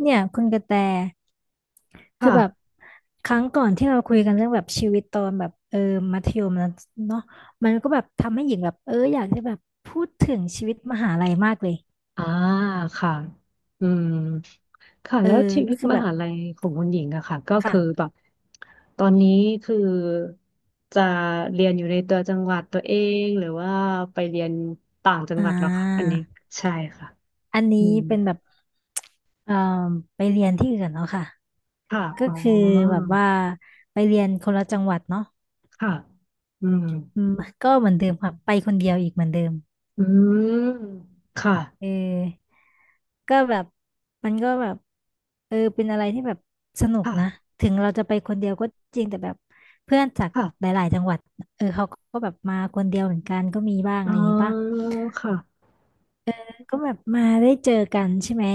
เนี่ยคุณกระแตคือแบบค่ะครั้งก่อนที่เราคุยกันเรื่องแบบชีวิตตอนแบบมัธยมแล้วเนาะมันก็แบบทำให้หญิงแบบอยากจะแบบพูดถึงชีวิตมหาลัยมากเลยอ่าค่ะอืมค่ะเออแล้วชีวิก็ตคือมแบบหาลัยของคุณหญิงอะค่ะก็คือค่ะแบบ ตอนนี้คือจะเรียนอยู่ในตัวจังหวัดตัวเอง หรือว่าไปเรียนต่างจังอ่หวัดเหรอคะอันานี้ใช่ค่ะอันอืนี้มเป็นแบบเอ่อไปเรียนที่อื่นเนาะค่ะค่ะก็อ๋คือแบอบว่าไปเรียนคนละจังหวัดเนาะค่ะอืมอืมก็เหมือนเดิมค่ะไปคนเดียวอีกเหมือนเดิมอืมเอค่ะอ ก็แบบมันก็แบบเป็นอะไรที่แบบสนุกนะค่ะถึงเราจะไปคนเดียวก็จริงแต่แบบเพื่อนจากหค่ะลายๆจังหวัดเขาก็แบบมาคนเดียวเหมือนกันก็มีบ้างอะอ๋ไรออย่างงี้ป่ะค่ะก็แบบมาได้เจอกันใช่ไหม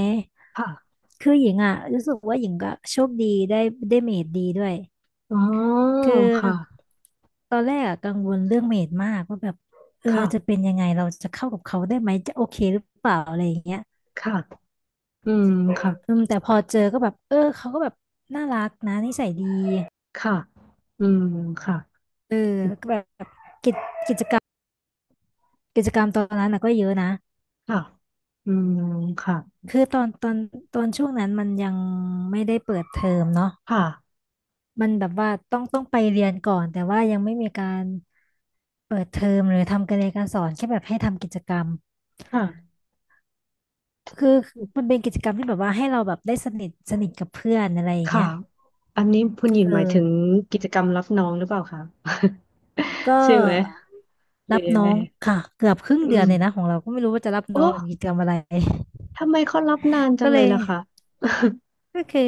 ค่ะคือหญิงอ่ะรู้สึกว่าหญิงก็โชคดีได้ได้เมดดีด้วยอ๋อคือค่ะตอนแรกอะกังวลเรื่องเมดมากว่าแบบจะค่ะเป็นยังไงเราจะเข้ากับเขาได้ไหมจะโอเคหรือเปล่าอะไรอย่างเงี้ย ค่ะอืมอืค่ะ มแต่พอเจอก็แบบเขาก็แบบน่ารักนะนิสัยดีค่ะ อืมค่ะเออก็แบบกิจกิจกรรมกิจกรรมตอนนั้นนะก็เยอะนะค่ะอืมค่ะคือตอนช่วงนั้นมันยังไม่ได้เปิดเทอมเนาะค่ะมันแบบว่าต้องไปเรียนก่อนแต่ว่ายังไม่มีการเปิดเทอมหรือทำการเรียนการสอนแค่แบบให้ทำกิจกรรมค่ะคือมันเป็นกิจกรรมที่แบบว่าให้เราแบบได้สนิทสนิทกับเพื่อนอะไรอย่างค่ะเงี้ยอันนี้คุณหญิงหมายถึงเออกิจกรรมรับน้องหรือเปล่าคะ ก็ ใช่ไหมหรืรัอบยังน้อไงงค่ะเกือบครึ่งอืเดือมนเลยนะของเราก็ไม่รู้ว่าจะรับโอ้น้องหรือกิจกรรมอะไร ทำไมเขารับนานจัก็งเลเลยยล่ะคะ ก็คือ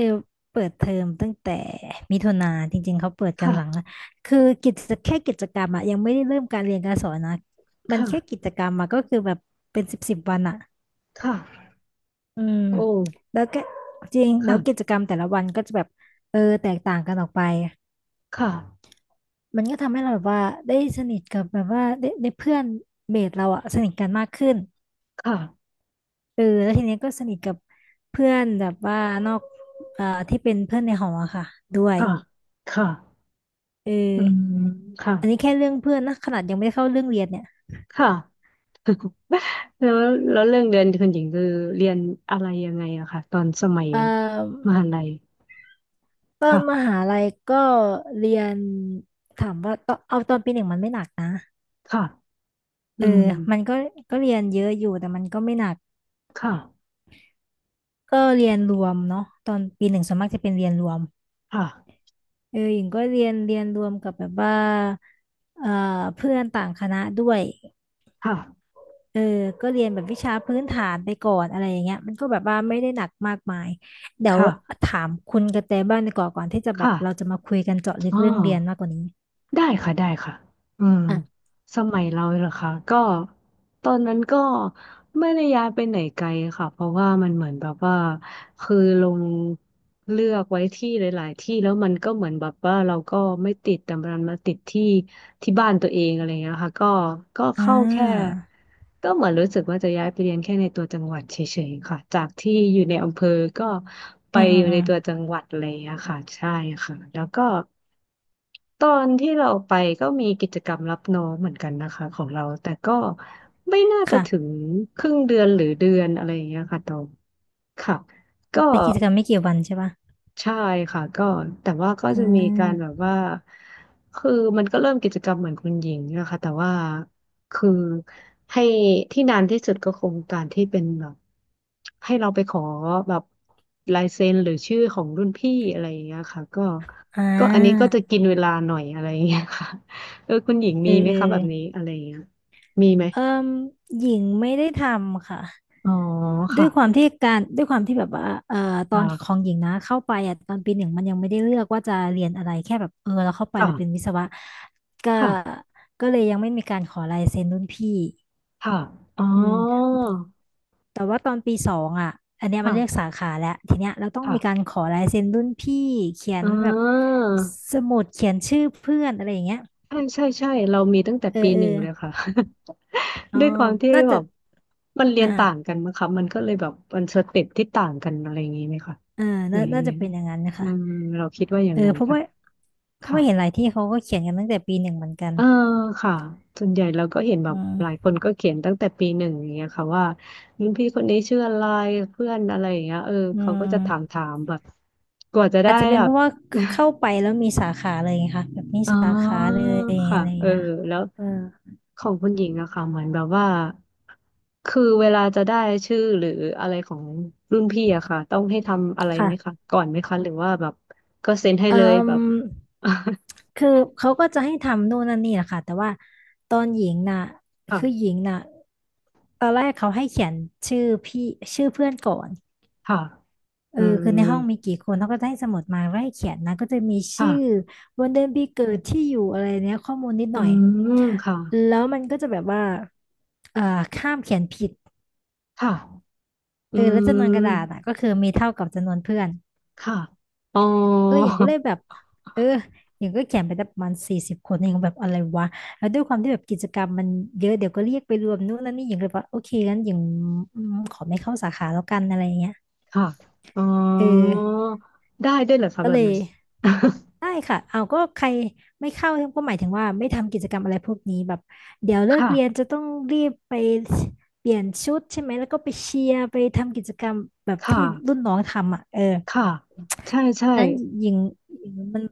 เปิดเทอมตั้งแต่มิถุนาจริงๆเขาเปิด กันหลังละค่ะ คือแค่กิจกรรมอะยังไม่ได้เริ่มการเรียนการสอนนะมันแค่ค่ะ กิจกรรมอะก็คือแบบเป็นสิบสิบวันอะค่ะ อืมโอ้แล้วก็จริงแล้วกิจค่ะกรรมแต่ละวันก็จะแบบแตกต่างกันออกไปค่ะมันก็ทำให้เราแบบว่าได้สนิทกับแบบว่าได้เพื่อนเมทเราอะสนิทกันมากขึ้นค่ะเออแล้วทีเนี้ยก็สนิทกับเพื่อนแบบว่านอกที่เป็นเพื่อนในหออะค่ะด้วยค่ะค่ะเออ อืมค่ะอันนี้แค่เรื่องเพื่อนนะขนาดยังไม่ได้เข้าเรื่องเรียนเนี่ยค่ะแล้วแล้วเรื่องเรียนคุณหญิงคือเรียนอะไรยังไงอะค่ะตอนสมัยเอ่อมหาลัย ตอนมค่ะหาลัยก็เรียนถามว่าตอนเอาตอนปีหนึ่งมันไม่หนักนะค่ะอืเอมอมันก็ก็เรียนเยอะอยู่แต่มันก็ไม่หนักค่ะก็เรียนรวมเนาะตอนปีหนึ่งส่วนมากจะเป็นเรียนรวมค่ะเออหญิงก็เรียนเรียนรวมกับแบบว่าเอ่อเพื่อนต่างคณะด้วย ค่ะเออก็เรียนแบบวิชาพื้นฐานไปก่อนอะไรอย่างเงี้ยมันก็แบบว่าไม่ได้หนักมากมาย เดี๋คยว่ะถามคุณกระแตบ้างดีกว่าก่อนที่จะแบบค่ะเราจะมาคุยกันเจาะลึกอ๋อเรื่องเรียนมากกว่านี้ได้ค่ะ ได้ค่ะอืมอ่ะสมัยเราเหรอคะก็ตอนนั้นก็ไม่ได้ย้ายไปไหนไกลค่ะเพราะว่ามันเหมือนแบบว่าคือลงเลือกไว้ที่หลายๆที่แล้วมันก็เหมือนแบบว่าเราก็ไม่ติดแต่มันมาติดที่บ้านตัวเองอะไรเงี้ยค่ะก็ก็อ่เข้าแค่าก็เหมือนรู้สึกว่าจะย้ายไปเรียนแค่ในตัวจังหวัดเฉยๆค่ะจากที่อยู่ในอำเภอก็ไปอืมอือมยู่อืในมตัวจังหวัดอะไรอย่างเงี้ยค่ะใช่ค่ะแล้วก็ตอนที่เราไปก็มีกิจกรรมรับน้องเหมือนกันนะคะของเราแต่ก็ไม่น่าจะถึงค่ะครึ่งเดือนหรือเดือนอะไรอย่างเงี้ยค่ะตองค่ะก็ เป็นกิจกรรมไม่กี่วันใช่ปะใช่ค่ะก็แต่ว่าก็อืจะมีการแบบมว่าคือมันก็เริ่มกิจกรรมเหมือนคุณหญิงนะคะแต่ว่าคือให้ที่นานที่สุดก็คงการที่เป็นแบบให้เราไปขอแบบลายเซ็นหรือชื่อของรุ่นพี่อะไรอย่างเงี้ยค่ะก็อ่ก็อันนี้ก็าจะกินเวลาหน่อยอะไรอย่างเงี้ยค่ะ เออคุณหญิงเอมีอไหมเออคะแบบนี้อะไรอย่างเงี้ยมีไหมเอิ่มหญิงไม่ได้ทำค่ะ อ๋อด้ค่ะวยความที่การด้วยความที่แบบว่าตอนขอค่ะงหญิงนะเข้าไปอ่ะตอนปีหนึ่งมันยังไม่ได้เลือกว่าจะเรียนอะไรแค่แบบเราเข้าไปค่ะแล้วเป็นวิศวะก็ค่ะก็เลยยังไม่มีการขอลายเซ็นรุ่นพี่ค่ะอ๋ออืมแต่ว่าตอนปีสองอ่ะอันเนี้ยมันเรียกสาค่ะขาแล้วทีเนี้ยเราต้องมีการค่ะ ขอลายเซ็นรุ่นพี่เขียนอ่แบบาสมุดเขียนชื่อเพื่อนอะไรอย่างเงี้ยใช่ใช่ใช่เรามีตั้งแต่เอปีอเอหอนึ่งเลยค่ะ อ๋อ ด้วยความที่น่าแบจะบมันเรียนต่างอ่ากันมั้งคะมันก็เลยแบบมันสเต็ปที่ต่างกันอะไรอย่างนี้ไหมคะอ่าหรือน่ายัน่างไงจะเป็นอย่างนั้นนะอืคะ มเราคิดว่าอย่าเองอนั้นเพราะค่ะว่าเพราะค่ะว่าเห็นหลายที่เขาก็เขียนกันตั้งแต่ปีหนึ่งเหมือนกันเออค่ะส่วนใหญ่เราก็เห็นแบบอืมหลายคนก็เขียนตั้งแต่ปีหนึ่งอย่างเงี้ยค่ะว่ารุ่นพี่คนนี้ชื่ออะไรเพื่อนอะไรอย่างเงี้ยเอออืเขาก็จะถามมถามแบบกว่าจะอาได้จจะเป็นแบเพบ ราะว่าเข้าไป แล้วมีสาขาเลยไงค่ะแบบมีอ๋อสาขาเลยค่ะอะไรอย่าเองอเงี้ยแล้วเออของคุณหญิงอะค่ะเหมือนแบบว่าคือเวลาจะได้ชื่อหรืออะไรของรุ่นพี่อะค่ะต้องให้ทำอะไรไหมคะค่ะก่อนไหมคะหรือว่าแบบก็เซ็นให้เอ่เลยแบมบ คือเขาก็จะให้ทำนู่นนั่นนี่แหละค่ะแต่ว่าตอนหญิงน่ะ คือหค่ะญิงน่ะตอนแรกเขาให้เขียนชื่อพี่ชื่อเพื่อนก่อน ค่ะเออือคือในมห้องมีกี่คนเขาก็จะให้สมุดมาไล่เขียนนะก็จะมีค่ะชื่อวันเดือนปีเกิดที่อยู่อะไรเนี้ยข้อมูลนิดอืหน่อยมค่ะแล้วมันก็จะแบบว่าเอ่อข้ามเขียนผิดค่ะอืเออแล้วจำนวนกระดาษมอ่ะก็คือมีเท่ากับจำนวนเพื่อนค่ะอ๋อเอออย่างก็เลยแบบเอออย่างก็เขียนไปได้ประมาณ40 คนเองแบบอะไรวะแล้วด้วยความที่แบบกิจกรรมมันเยอะเดี๋ยวก็เรียกไปรวมนู่นนั่นนี่อย่างเลยว่าโอเคงั้นอย่างอืมขอไม่เข้าสาขาแล้วกันอะไรเงี้ยค่ะอ๋อเออได้ด้วยเหรอคะก็แบเลบย นั้น ได้ค่ะเอาก็ใครไม่เข้าก็หมายถึงว่าไม่ทำกิจกรรมอะไรพวกนี้แบบเดี๋ยว เลิกเรียนค่ะจะต้องรีบไปเปลี่ยนชุดใช่ไหมแล้วก็ไปเชียร์ไปทำกิจกรรมแบบคที่รุ่่ะ นน้องทำอ่ะเออค่ะใช่ใช่นั้นหญิงมัน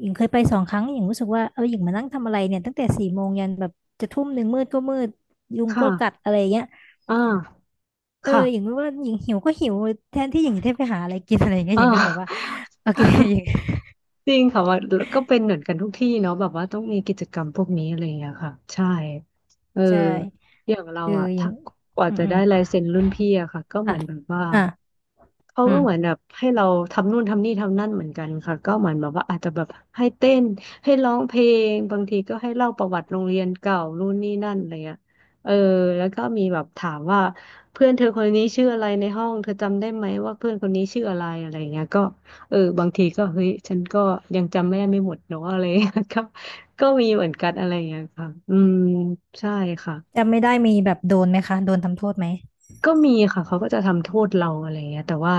หญิงเคยไป2 ครั้งหญิงรู้สึกว่าเออหญิงมานั่งทำอะไรเนี่ยตั้งแต่4 โมงยันแบบจะ1 ทุ่มืดก็มืดยุงคก็กัด่ะอะไรเงี้ยอ่าเออหญิงค่ะว่าหญิงหิวก็หิวแทนที่หญิงจะได้ไปหาอะไรกินอะไรเงี้ยอ่หญิงก็เลยแบบว่าา โอเคหญิง จริงค่ะว่าก็เป็นเหมือนกันทุกที่เนาะแบบว่าต้องมีกิจกรรมพวกนี้อะไรอย่างเงี้ยค่ะใช่เออใช่อย่างเราเอออะหญิถ้างกว่าอืจะได้ม ลายเซ็นรุ่นพี่อะค่ะก็เหค่ะมือนแบบว่า อ่าเขาอืก็มเหมือนแบบให้เราทำนู่นทำนี่ทำนั่นเหมือนกันค่ะก็เหมือนแบบว่าอาจจะแบบให้เต้นให้ร้องเพลงบางทีก็ให้เล่าประวัติโรงเรียนเก่านู่นนี่นั่นอะไรเงี้ยเออแล้วก็มีแบบถามว่าเพื่อนเธอคนนี้ชื่ออะไรในห้องเธอจำได้ไหมว่าเพื่อนคนนี้ชื่ออะไรอะไรเงี้ยก็เออบางทีก็เฮ้ยฉันก็ยังจำไม่ได้ไม่หมดเนาะอะไรเงี้ยก็ก็มีเหมือนกันอะไรเงี้ยค่ะอืมใช่ค่ะ จำไม่ได้มีแบบโดนไหมคะโดนทำโทษไหมก็มีค่ะเขาก็จะทำโทษเราอะไรเงี้ยแต่ว่า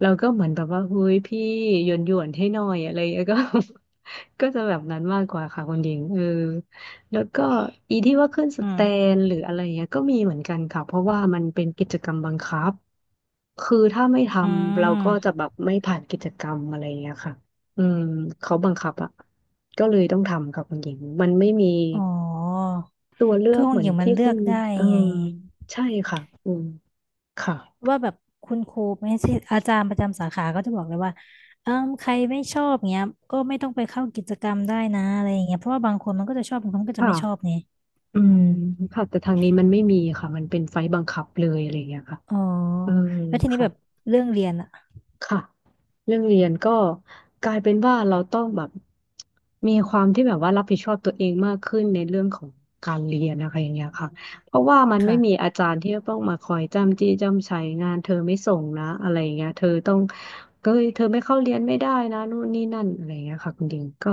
เราก็เหมือนแบบว่าเฮ้ยพี่หยวนให้หน่อยอะไรเงี้ยก็ ก็จะแบบนั้นมากกว่าค่ะคุณหญิงเออแล้วก็อีที่ว่าขึ้นสอืแตมนหรืออะไรเงี้ยก็มีเหมือนกันค่ะเพราะว่ามันเป็นกิจกรรมบังคับคือถ้าไม่ทอืำเราก็จะมแบบไม่ผ่านกิจกรรมอะไรเงี้ยค่ะอืมเขาบังคับอ่ะก็เลยต้องทำค่ะคุณหญิงมันไม่มีอ๋อตัวเลือคืกอขอเหงมือหนญิงมัที่นเลืคุอณกได้เออไงใช่ค่ะอืมค่ะ ว่าแบบคุณครูไม่ใช่อาจารย์ประจำสาขาก็จะบอกเลยว่าเออใครไม่ชอบเงี้ยก็ไม่ต้องไปเข้ากิจกรรมได้นะอะไรอย่างเงี้ยเพราะว่าบางคนมันก็จะชอบบางคนก็จะไม่ชอบค่ะไงอือืมมค่ะ แต่ทางนี้มันไม่มีค่ะ มันเป็นไฟล์บังคับเลยอะไรอย่างเงี้ยค่ะอ๋อเออแล้วทีนี้ค่ะ แบบเรื่องเรียนอะค่ะเรื่องเรียนก็กลายเป็นว่าเราต้องแบบมีความที่แบบว่ารับผิดชอบตัวเองมากขึ้นในเรื่องของการเรียนนะคะอย่างเงี้ยค่ะเพราะว่ามันไม่มีค่ะอาจารย์ที่จะต้องมาคอยจ้ำจี้จ้ำไชงานเธอไม่ส่งนะอะไรอย่างเงี้ยเธอต้องเอ้ยเธอไม่เข้าเรียนไม่ได้นะนู่นนี่นั่นอะไรอย่างเงี้ยค่ะคุณดิงก็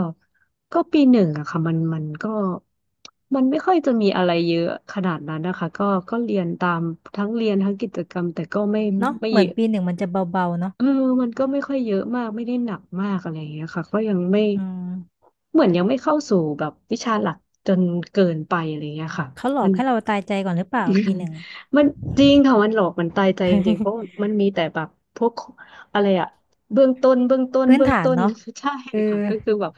ก็ปีหนึ่งอะค่ะมันก็มันไม่ค่อยจะมีอะไรเยอะขนาดนั้นนะคะก็เรียนตามทั้งเรียนทั้งกิจกรรมแต่ก็ไม่เนาะไม่เหเยมือนอะ ปีหนึ่งมันจะเบาๆเนาะเออมันก็ไม่ค่อยเยอะมาก ไม่ได้หนักมากอะไรอย่างเงี้ยค่ะก็ยังไม่ อืมเหมือนยังไม่เข้าสู่แบบวิชาหลักจนเกินไปอะไรเงี้ยค่ะเขาหลอมักน ให้เราตายใจก่อนหรือเปล่าปีหนึ่งอะ มันจริงค่ะมันหลอกมันตายใจจริงๆเพราะ มันมีแต่แบบพวกอะไรอะเบื้องต้นเบื้องต้นพื้นเบื้องฐานต้น เนาะ ใช่เอค่ะอก็คือแบบ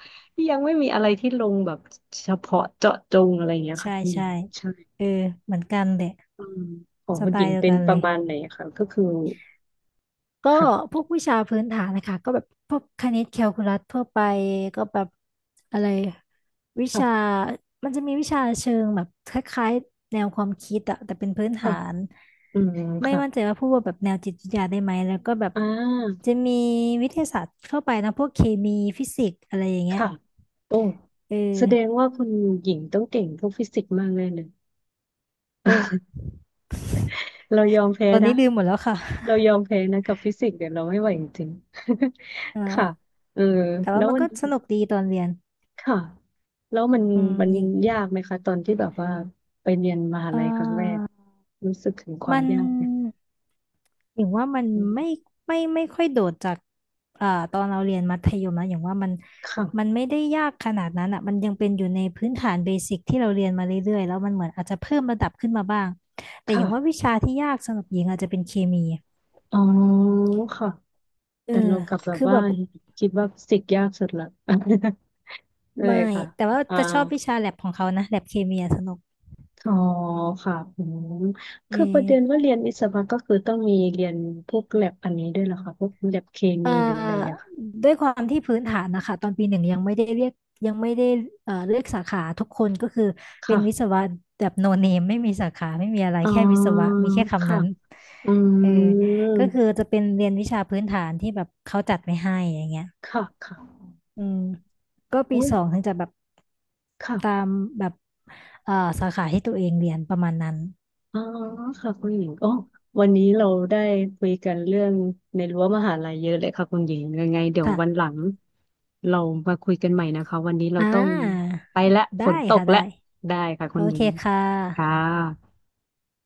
ยังไม่มีอะไรที่ลงแบบเฉพาะเจาะจงอะไรเงี้ยค่ะใช่คุณหญิใช่งใช่เออเหมือนกันเหละอืมของสคุณไตหญิล์งเดียวเป็นกันปเลระย มาณไหนคะก็คือก็ค่ะพวกวิชาพื้นฐานนะคะ ก็แบบพวกคณิตแคลคูลัสทั่วไป ก็แบบอะไรวิชาค่ะมันจะมีวิชาเชิงแบบคล้ายๆแนวความคิดอะแต่เป็นพื้นค่ะฐาน อืมไม่ค่ะมั่นใจว่าพูดว่าแบบแนวจิตวิทยาได้ไหมแล้วก็แบบอ่า จะมีวิทยาศาสตร์ทั่วไปนะพวกเคมีฟิสิกส์อะไรอย่างเงี้ยค่ะ โอ้เอแสดงอว่าคุณหญิงต้องเก่งพวกฟิสิกส์มากแน่เลย โอ ้เรายอมแพ้ตอนนะ นี้ลืมหมดแล้วค่ะ เราย อมแพ้นะกับฟิสิกส์เดี๋ยวเราไม่ไหวจริงๆ ค่ะอ่า เออแต่แล้ว่าวมันวันก็สนุกดีตอนเรียนค่ะแล้วมันอืมมันยิงยากไหมคะตอนที่แบบว่าไปเรียนมหาเอ่ลัยครั้งแรก อรู้สึกถึงความัมนยากไหมอย่างว่ามันไม่ไม่ค่อยโดดจากอ่าตอนเราเรียนมัธยมนะอย่างว่ามันค่ะไม่ได้ยากขนาดนั้นอ่ะมันยังเป็นอยู่ในพื้นฐานเบสิกที่เราเรียนมาเรื่อยๆ แล้วมันเหมือนอาจจะเพิ่มระดับขึ้นมาบ้างแต่อย่างว่าค่ะ วิชาที่ยากสำหรับหญิงอาจจะเป็นเคมีอ๋อ ค่ะ เออแต่เรากลับแบบคือว่าแบบคิดว่าฟิสิกส์ยากสุดละ ไดไม่ค่ะแต่ว่าอ่า จะชอบวิชาแลบของเขานะแลบเคมีอะสนุกอ๋อค่ะอืมอืคือปม ระเด็นว่าเรียนวิศวะก็คือต้องมีเรียนพวกแลบอันนี้ด้วยเหรอคะพวกแลบเคเอ่มีหรืออะไรอย่างอเงี้ยค่ะด้วยความที่พื้นฐานนะคะตอนปีหนึ่งยังไม่ได้เรียกยังไม่ได้เอ่อเลือกสาขาทุกคนก็คือเป็นวิศค่ะวะแบบโนเนมไม่มีสาขาไม่มีอะไรอ๋อแค่วิศวะมีแค่คำค่ะนั้นอืเออก็มคือจะเป็นเรียนวิชาพื้นฐานที่แบบเขาจัดไว้ให้อย่างเงี้ยค่ะค่ะอืมก็ปีอุ้ยสองถึงจะแบบตาค่ะมแบบเอ่อสาขาที่ตัวเองเรียนประมาณนั้นอ๋อค่ะคุณหญิงอ๋อวันนี้เราได้คุยกันเรื่องในรั้วมหาลัยเยอะเลยค่ะคุณหญิงยังไงเดี๋ยวค่ะวันหลังเรามาคุยกันใหม่นะคะ วันนี้เราอ่ต้องาไปละฝได้นตกค่ะได้ละได้ค่ะโอคุณหญิเคงค่ะค่ะ